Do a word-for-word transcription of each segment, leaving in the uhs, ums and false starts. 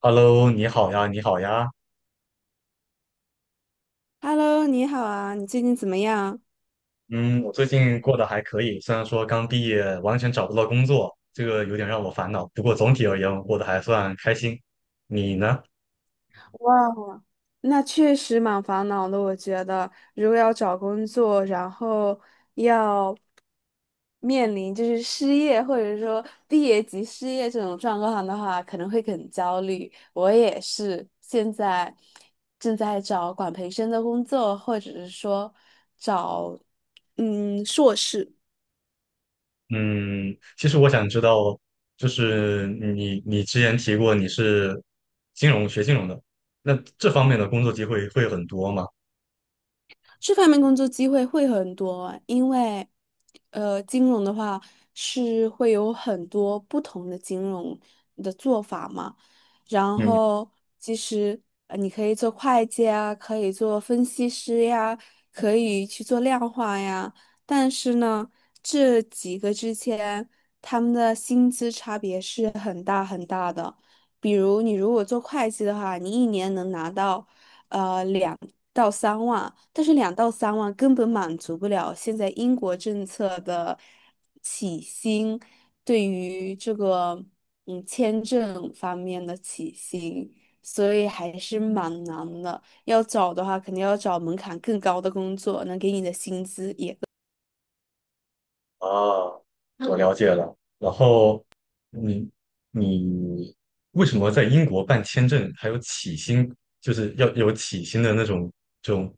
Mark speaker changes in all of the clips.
Speaker 1: Hello，你好呀，你好呀。
Speaker 2: Hello，你好啊，你最近怎么样？
Speaker 1: 嗯，我最近过得还可以，虽然说刚毕业，完全找不到工作，这个有点让我烦恼。不过总体而言，我过得还算开心。你呢？
Speaker 2: 哇，那确实蛮烦恼的，我觉得如果要找工作，然后要面临就是失业或者说毕业即失业这种状况的话，可能会很焦虑。我也是，现在正在找管培生的工作，或者是说找嗯硕士。
Speaker 1: 嗯，其实我想知道，就是你你之前提过你是金融学金融的，那这方面的工作机会会很多吗？
Speaker 2: 这方面工作机会会很多，因为，呃，金融的话是会有很多不同的金融的做法嘛。然
Speaker 1: 嗯。
Speaker 2: 后，其实呃，你可以做会计啊，可以做分析师呀，可以去做量化呀。但是呢，这几个之间他们的薪资差别是。很。比如你如果做会计的话，你一年能拿到呃两到三万，但是两到三万根本满足不了现在英国政策的起薪对于这个嗯签证方面的起薪，所以还是蛮难的。要找的话，肯定要找门槛更高的工作，能给你的薪资也。
Speaker 1: 啊，我了解了。然后你你为什么在英国办签证还有起薪，就是要有起薪的那种这种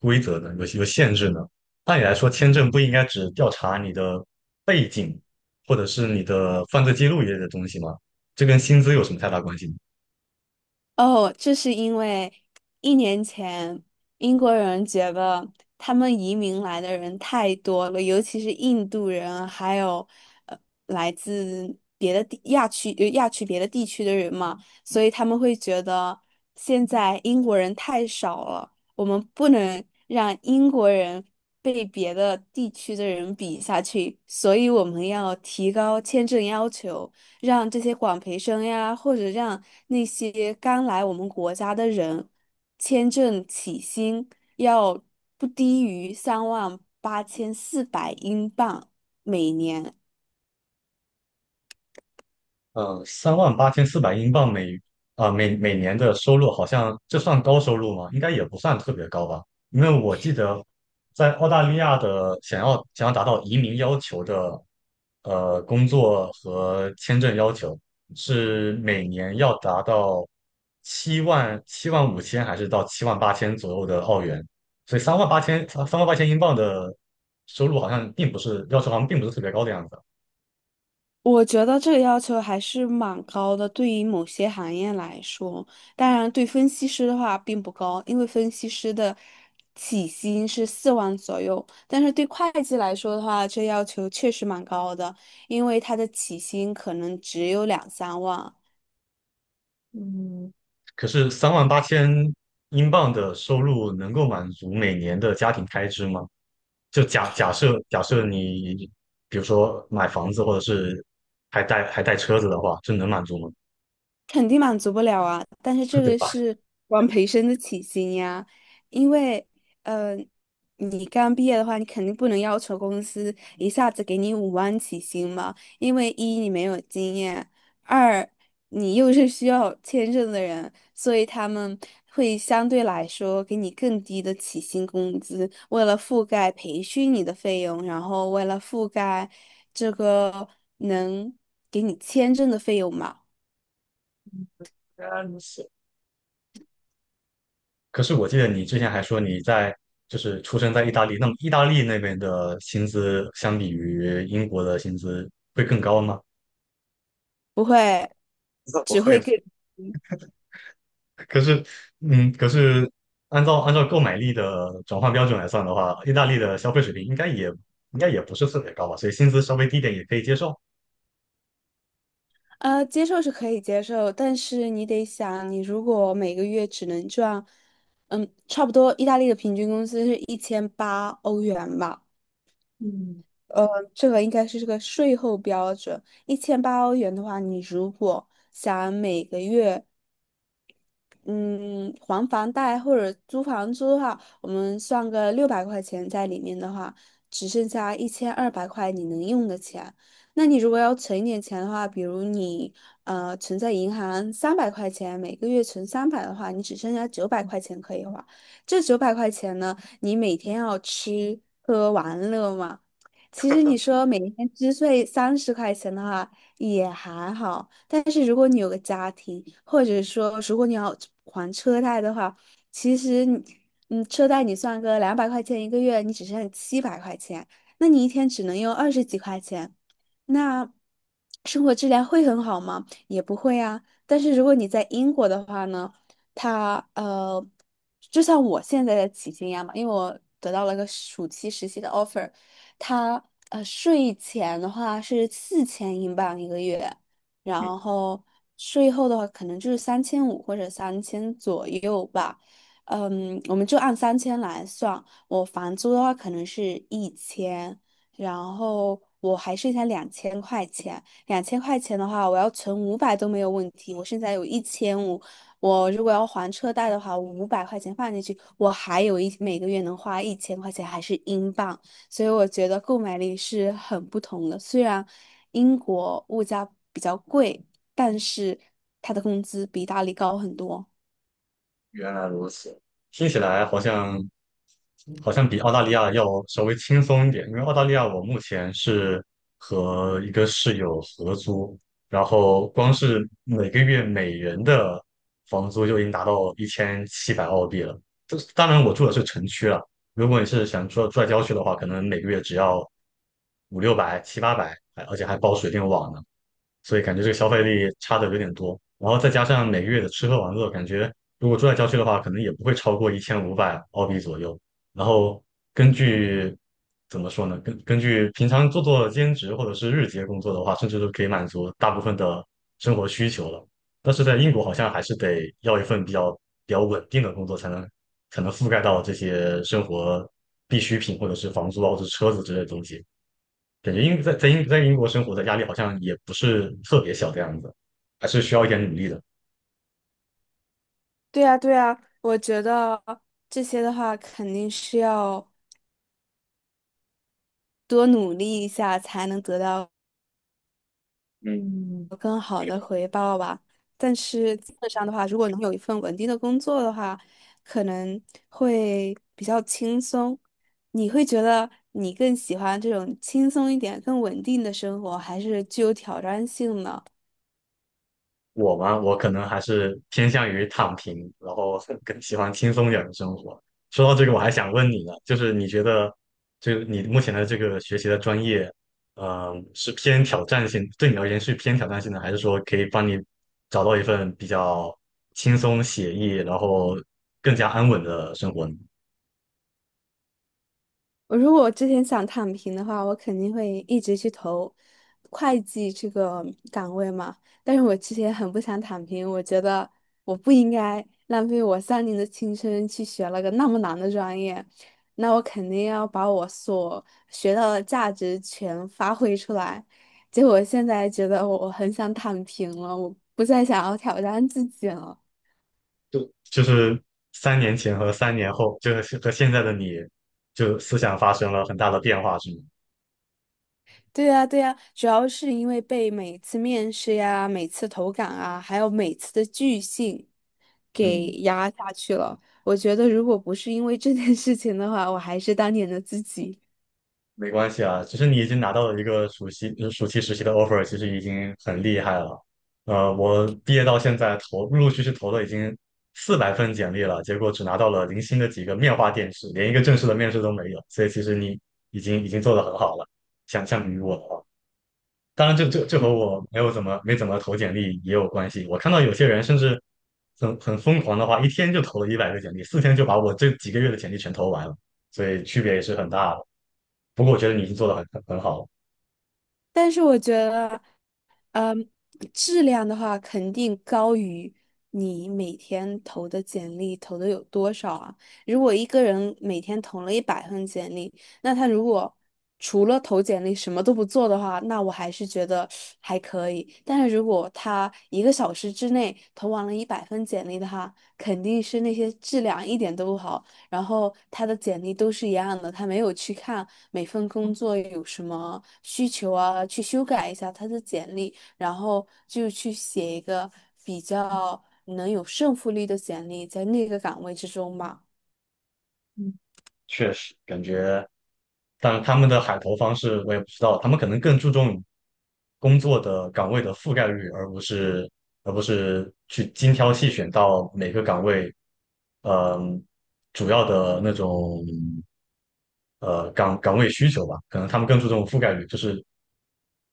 Speaker 1: 规则呢？有有限制呢？按理来说，签证不应该只调查你的背景或者是你的犯罪记录一类的东西吗？这跟薪资有什么太大关系呢？
Speaker 2: 哦，这是因为一年前英国人觉得他们移民来的人太多了，尤其是印度人，还有呃来自别的地亚区呃亚区别的地区的人嘛，所以他们会觉得现在英国人太少了，我们不能让英国人被别的地区的人比下去，所以我们要提高签证要求。让这些广培生呀，或者让那些刚来我们国家的人，签证起薪要不低于三万八千四百英镑每年。
Speaker 1: 呃，三万八千四百英镑每啊、每每年的收入，好像这算高收入吗？应该也不算特别高吧，因为我记得在澳大利亚的想要想要达到移民要求的呃工作和签证要求是每年要达到七万、七万五千还是到七万八千左右的澳元，所以三万八千三万八千英镑的收入好像并不是要求，好像并不是特别高的样子。
Speaker 2: 我觉得这个要求还是蛮高的，对于某些行业来说，当然对分析师的话并不高，因为分析师的起薪是四万左右，但是对会计来说的话，这要求确实蛮高的，因为他的起薪可能只有两三万。
Speaker 1: 嗯，可是三万八千英镑的收入能够满足每年的家庭开支吗？就假假设假设你比如说买房子或者是还带还带车子的话，这能满足吗？
Speaker 2: 肯定满足不了啊，但是 这
Speaker 1: 对
Speaker 2: 个
Speaker 1: 吧？
Speaker 2: 是管培生的起薪呀，因为，呃，你刚毕业的话，你肯定不能要求公司一下子给你五万起薪嘛，因为一你没有经验，二你又是需要签证的人，所以他们会相对来说给你更低的起薪工资，为了覆盖培训你的费用，然后为了覆盖这个能给你签证的费用嘛。
Speaker 1: 原来如此。可是我记得你之前还说你在就是出生在意大利，那么意大利那边的薪资相比于英国的薪资会更高吗？
Speaker 2: 不会，
Speaker 1: 不
Speaker 2: 只
Speaker 1: 会
Speaker 2: 会
Speaker 1: 吧，
Speaker 2: 更
Speaker 1: 可是，嗯，可是按照按照购买力的转换标准来算的话，意大利的消费水平应该也应该也不是特别高吧，所以薪资稍微低点也可以接受。
Speaker 2: 呃接受是可以接受，但是你得想，你如果每个月只能赚，嗯，差不多意大利的平均工资是一千八欧元吧，呃，这个应该是这个税后标准，一千八欧元的话，你如果想每个月嗯，还房贷或者租房租的话，我们算个六百块钱在里面的话，只剩下一千二百块你能用的钱。那你如果要存一点钱的话，比如你呃存在银行三百块钱，每个月存三百的话，你只剩下九百块钱可以花。这九百块钱呢，你每天要吃喝玩乐嘛，其实你说每天支税三十块钱的话也还好，但是如果你有个家庭，或者说如果你要还车贷的话，其实你，嗯，车贷你算个两百块钱一个月，你只剩七百块钱，那你一天只能用二十几块钱，那生活质量会很好吗？也不会啊。但是如果你在英国的话呢，它呃，就像我现在的起薪一样嘛，因为我得到了个暑期实习的 offer。他呃税前的话是四千英镑一个月，然后税后的话可能就是三千五或者三千左右吧。嗯，我们就按三千来算。我房租的话可能是一千，然后我还剩下两千块钱。两千块钱的话，我要存五百都没有问题。我现在有一千五，我如果要还车贷的话，五百块钱放进去，我还有一每个月能花一千块钱，还是英镑。所以我觉得购买力是很不同的。虽然英国物价比较贵，但是他的工资比意大理高很多。
Speaker 1: 原来如此，听起来好像好像比澳大利亚要稍微轻松一点，因为澳大利亚我目前是和一个室友合租，然后光是每个月每人的房租就已经达到一千七百澳币了。这当然我住的是城区了，如果你是想住住在郊区的话，可能每个月只要五六百、七八百，还而且还包水电网呢。所以感觉这个消费力差的有点多。然后再加上每个月的吃喝玩乐，感觉如果住在郊区的话，可能也不会超过一千五百澳币左右。然后根据怎么说呢？根根据平常做做兼职或者是日结工作的话，甚至都可以满足大部分的生活需求了。但是在英国好像还是得要一份比较比较稳定的工作，才能才能覆盖到这些生活必需品或者是房租啊或者是车子之类的东西。感觉英在在英在英国生活的压力好像也不是特别小的样子，还是需要一点努力的。
Speaker 2: 对呀，对呀，我觉得这些的话肯定是要多努力一下才能得到。
Speaker 1: 嗯。
Speaker 2: 但是基本上的话，如果能有一份稳定的工作的话，可能会比较轻松。你会觉得你更喜欢这种轻松一点、更稳定的生活，还是具有挑战性呢？
Speaker 1: 我嘛，我可能还是偏向于躺平，然后 更喜欢轻松一点的生活。说到这个，我还想问你呢，就是你觉得，就是你目前的这个学习的专业，嗯，是偏挑战性，对你而言是偏挑战性的，还是说可以帮你找到一份比较轻松写意，然后更加安稳的生活呢？
Speaker 2: 我如果我之前想躺平的话，我肯定会一直去投会计这个岗位嘛。但是我之前很不想躺平，我觉得我不应该浪费我三年的青春去学了个那么难的专业，那我肯定要把我所学到的价值全发挥出来。结果现在觉得我我很想躺平了，我不再想要挑战自己了。
Speaker 1: 就就是三年前和三年后，就是和现在的你，就思想发生了很大的变化，是吗？
Speaker 2: 对呀，对呀，主要是因为被每次面试呀、每次投稿啊，还有每次的拒信给
Speaker 1: 嗯，
Speaker 2: 压下去了。我觉得如果不是因为这件事情的话，我还是当年的自己。
Speaker 1: 没关系啊，其实你已经拿到了一个暑期呃暑期实习的 offer，其实已经很厉害了。呃，我毕业到现在投陆陆续续投了已经四百份简历了，结果只拿到了零星的几个面化电视，连一个正式的面试都没有。所以其实你已经已经做得很好了，想相比于我的话。当然这，这这和我没有怎么没怎么投简历也有关系。我看到有些人甚至很很疯狂的话，一天就投了一百个简历，四天就把我这几个月的简历全投完了，所以区别也是很大的。不过我觉得你已经做的很很很好了，
Speaker 2: 但是我觉得。嗯，质量的话肯定高于你每天投的简历投的有多少啊？如果一个人每天投了一百份简历，那他如果除了投简历什么都不做的话，那我还是觉得还可以。但是如果他一个小时之内投完了一百份简历的话，肯定是那些质量一点都不好，然后他的简历都是一样的，他没有去看每份工作有什么需求啊，去修改一下他的简历。然后就去写一个比较能有胜负力的简历，在那个岗位之中吧。
Speaker 1: 嗯。确实感觉，但他们的海投方式我也不知道，他们可能更注重工作的岗位的覆盖率，而不是而不是去精挑细选到每个岗位，嗯，主要的那种。呃岗岗位需求吧，可能他们更注重覆盖率，就是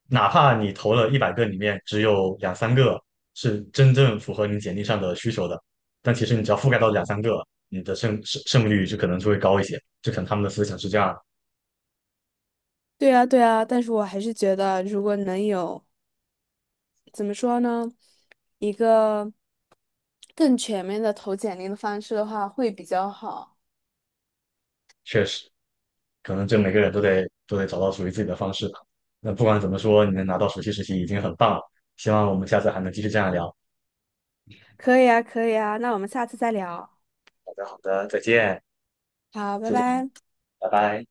Speaker 1: 哪怕你投了一百个里面只有两三个是真正符合你简历上的需求的，但其实你只要覆盖到两三个，你的胜胜胜率就可能就会高一些。就可能他们的思想是这样，
Speaker 2: 对啊，对啊，但是我还是觉得，如果能有，怎么说呢，一个，更全面的投简历的方式的话，会比较好。
Speaker 1: 确实，可能这每个人都得都得找到属于自己的方式吧。那不管怎么说，你能拿到暑期实习已经很棒了。希望我们下次还能继续这样聊。
Speaker 2: 可以啊，可以啊，那我们下次再聊，
Speaker 1: 好的，好的，再见，
Speaker 2: 好，拜
Speaker 1: 谢谢你，
Speaker 2: 拜。
Speaker 1: 拜拜。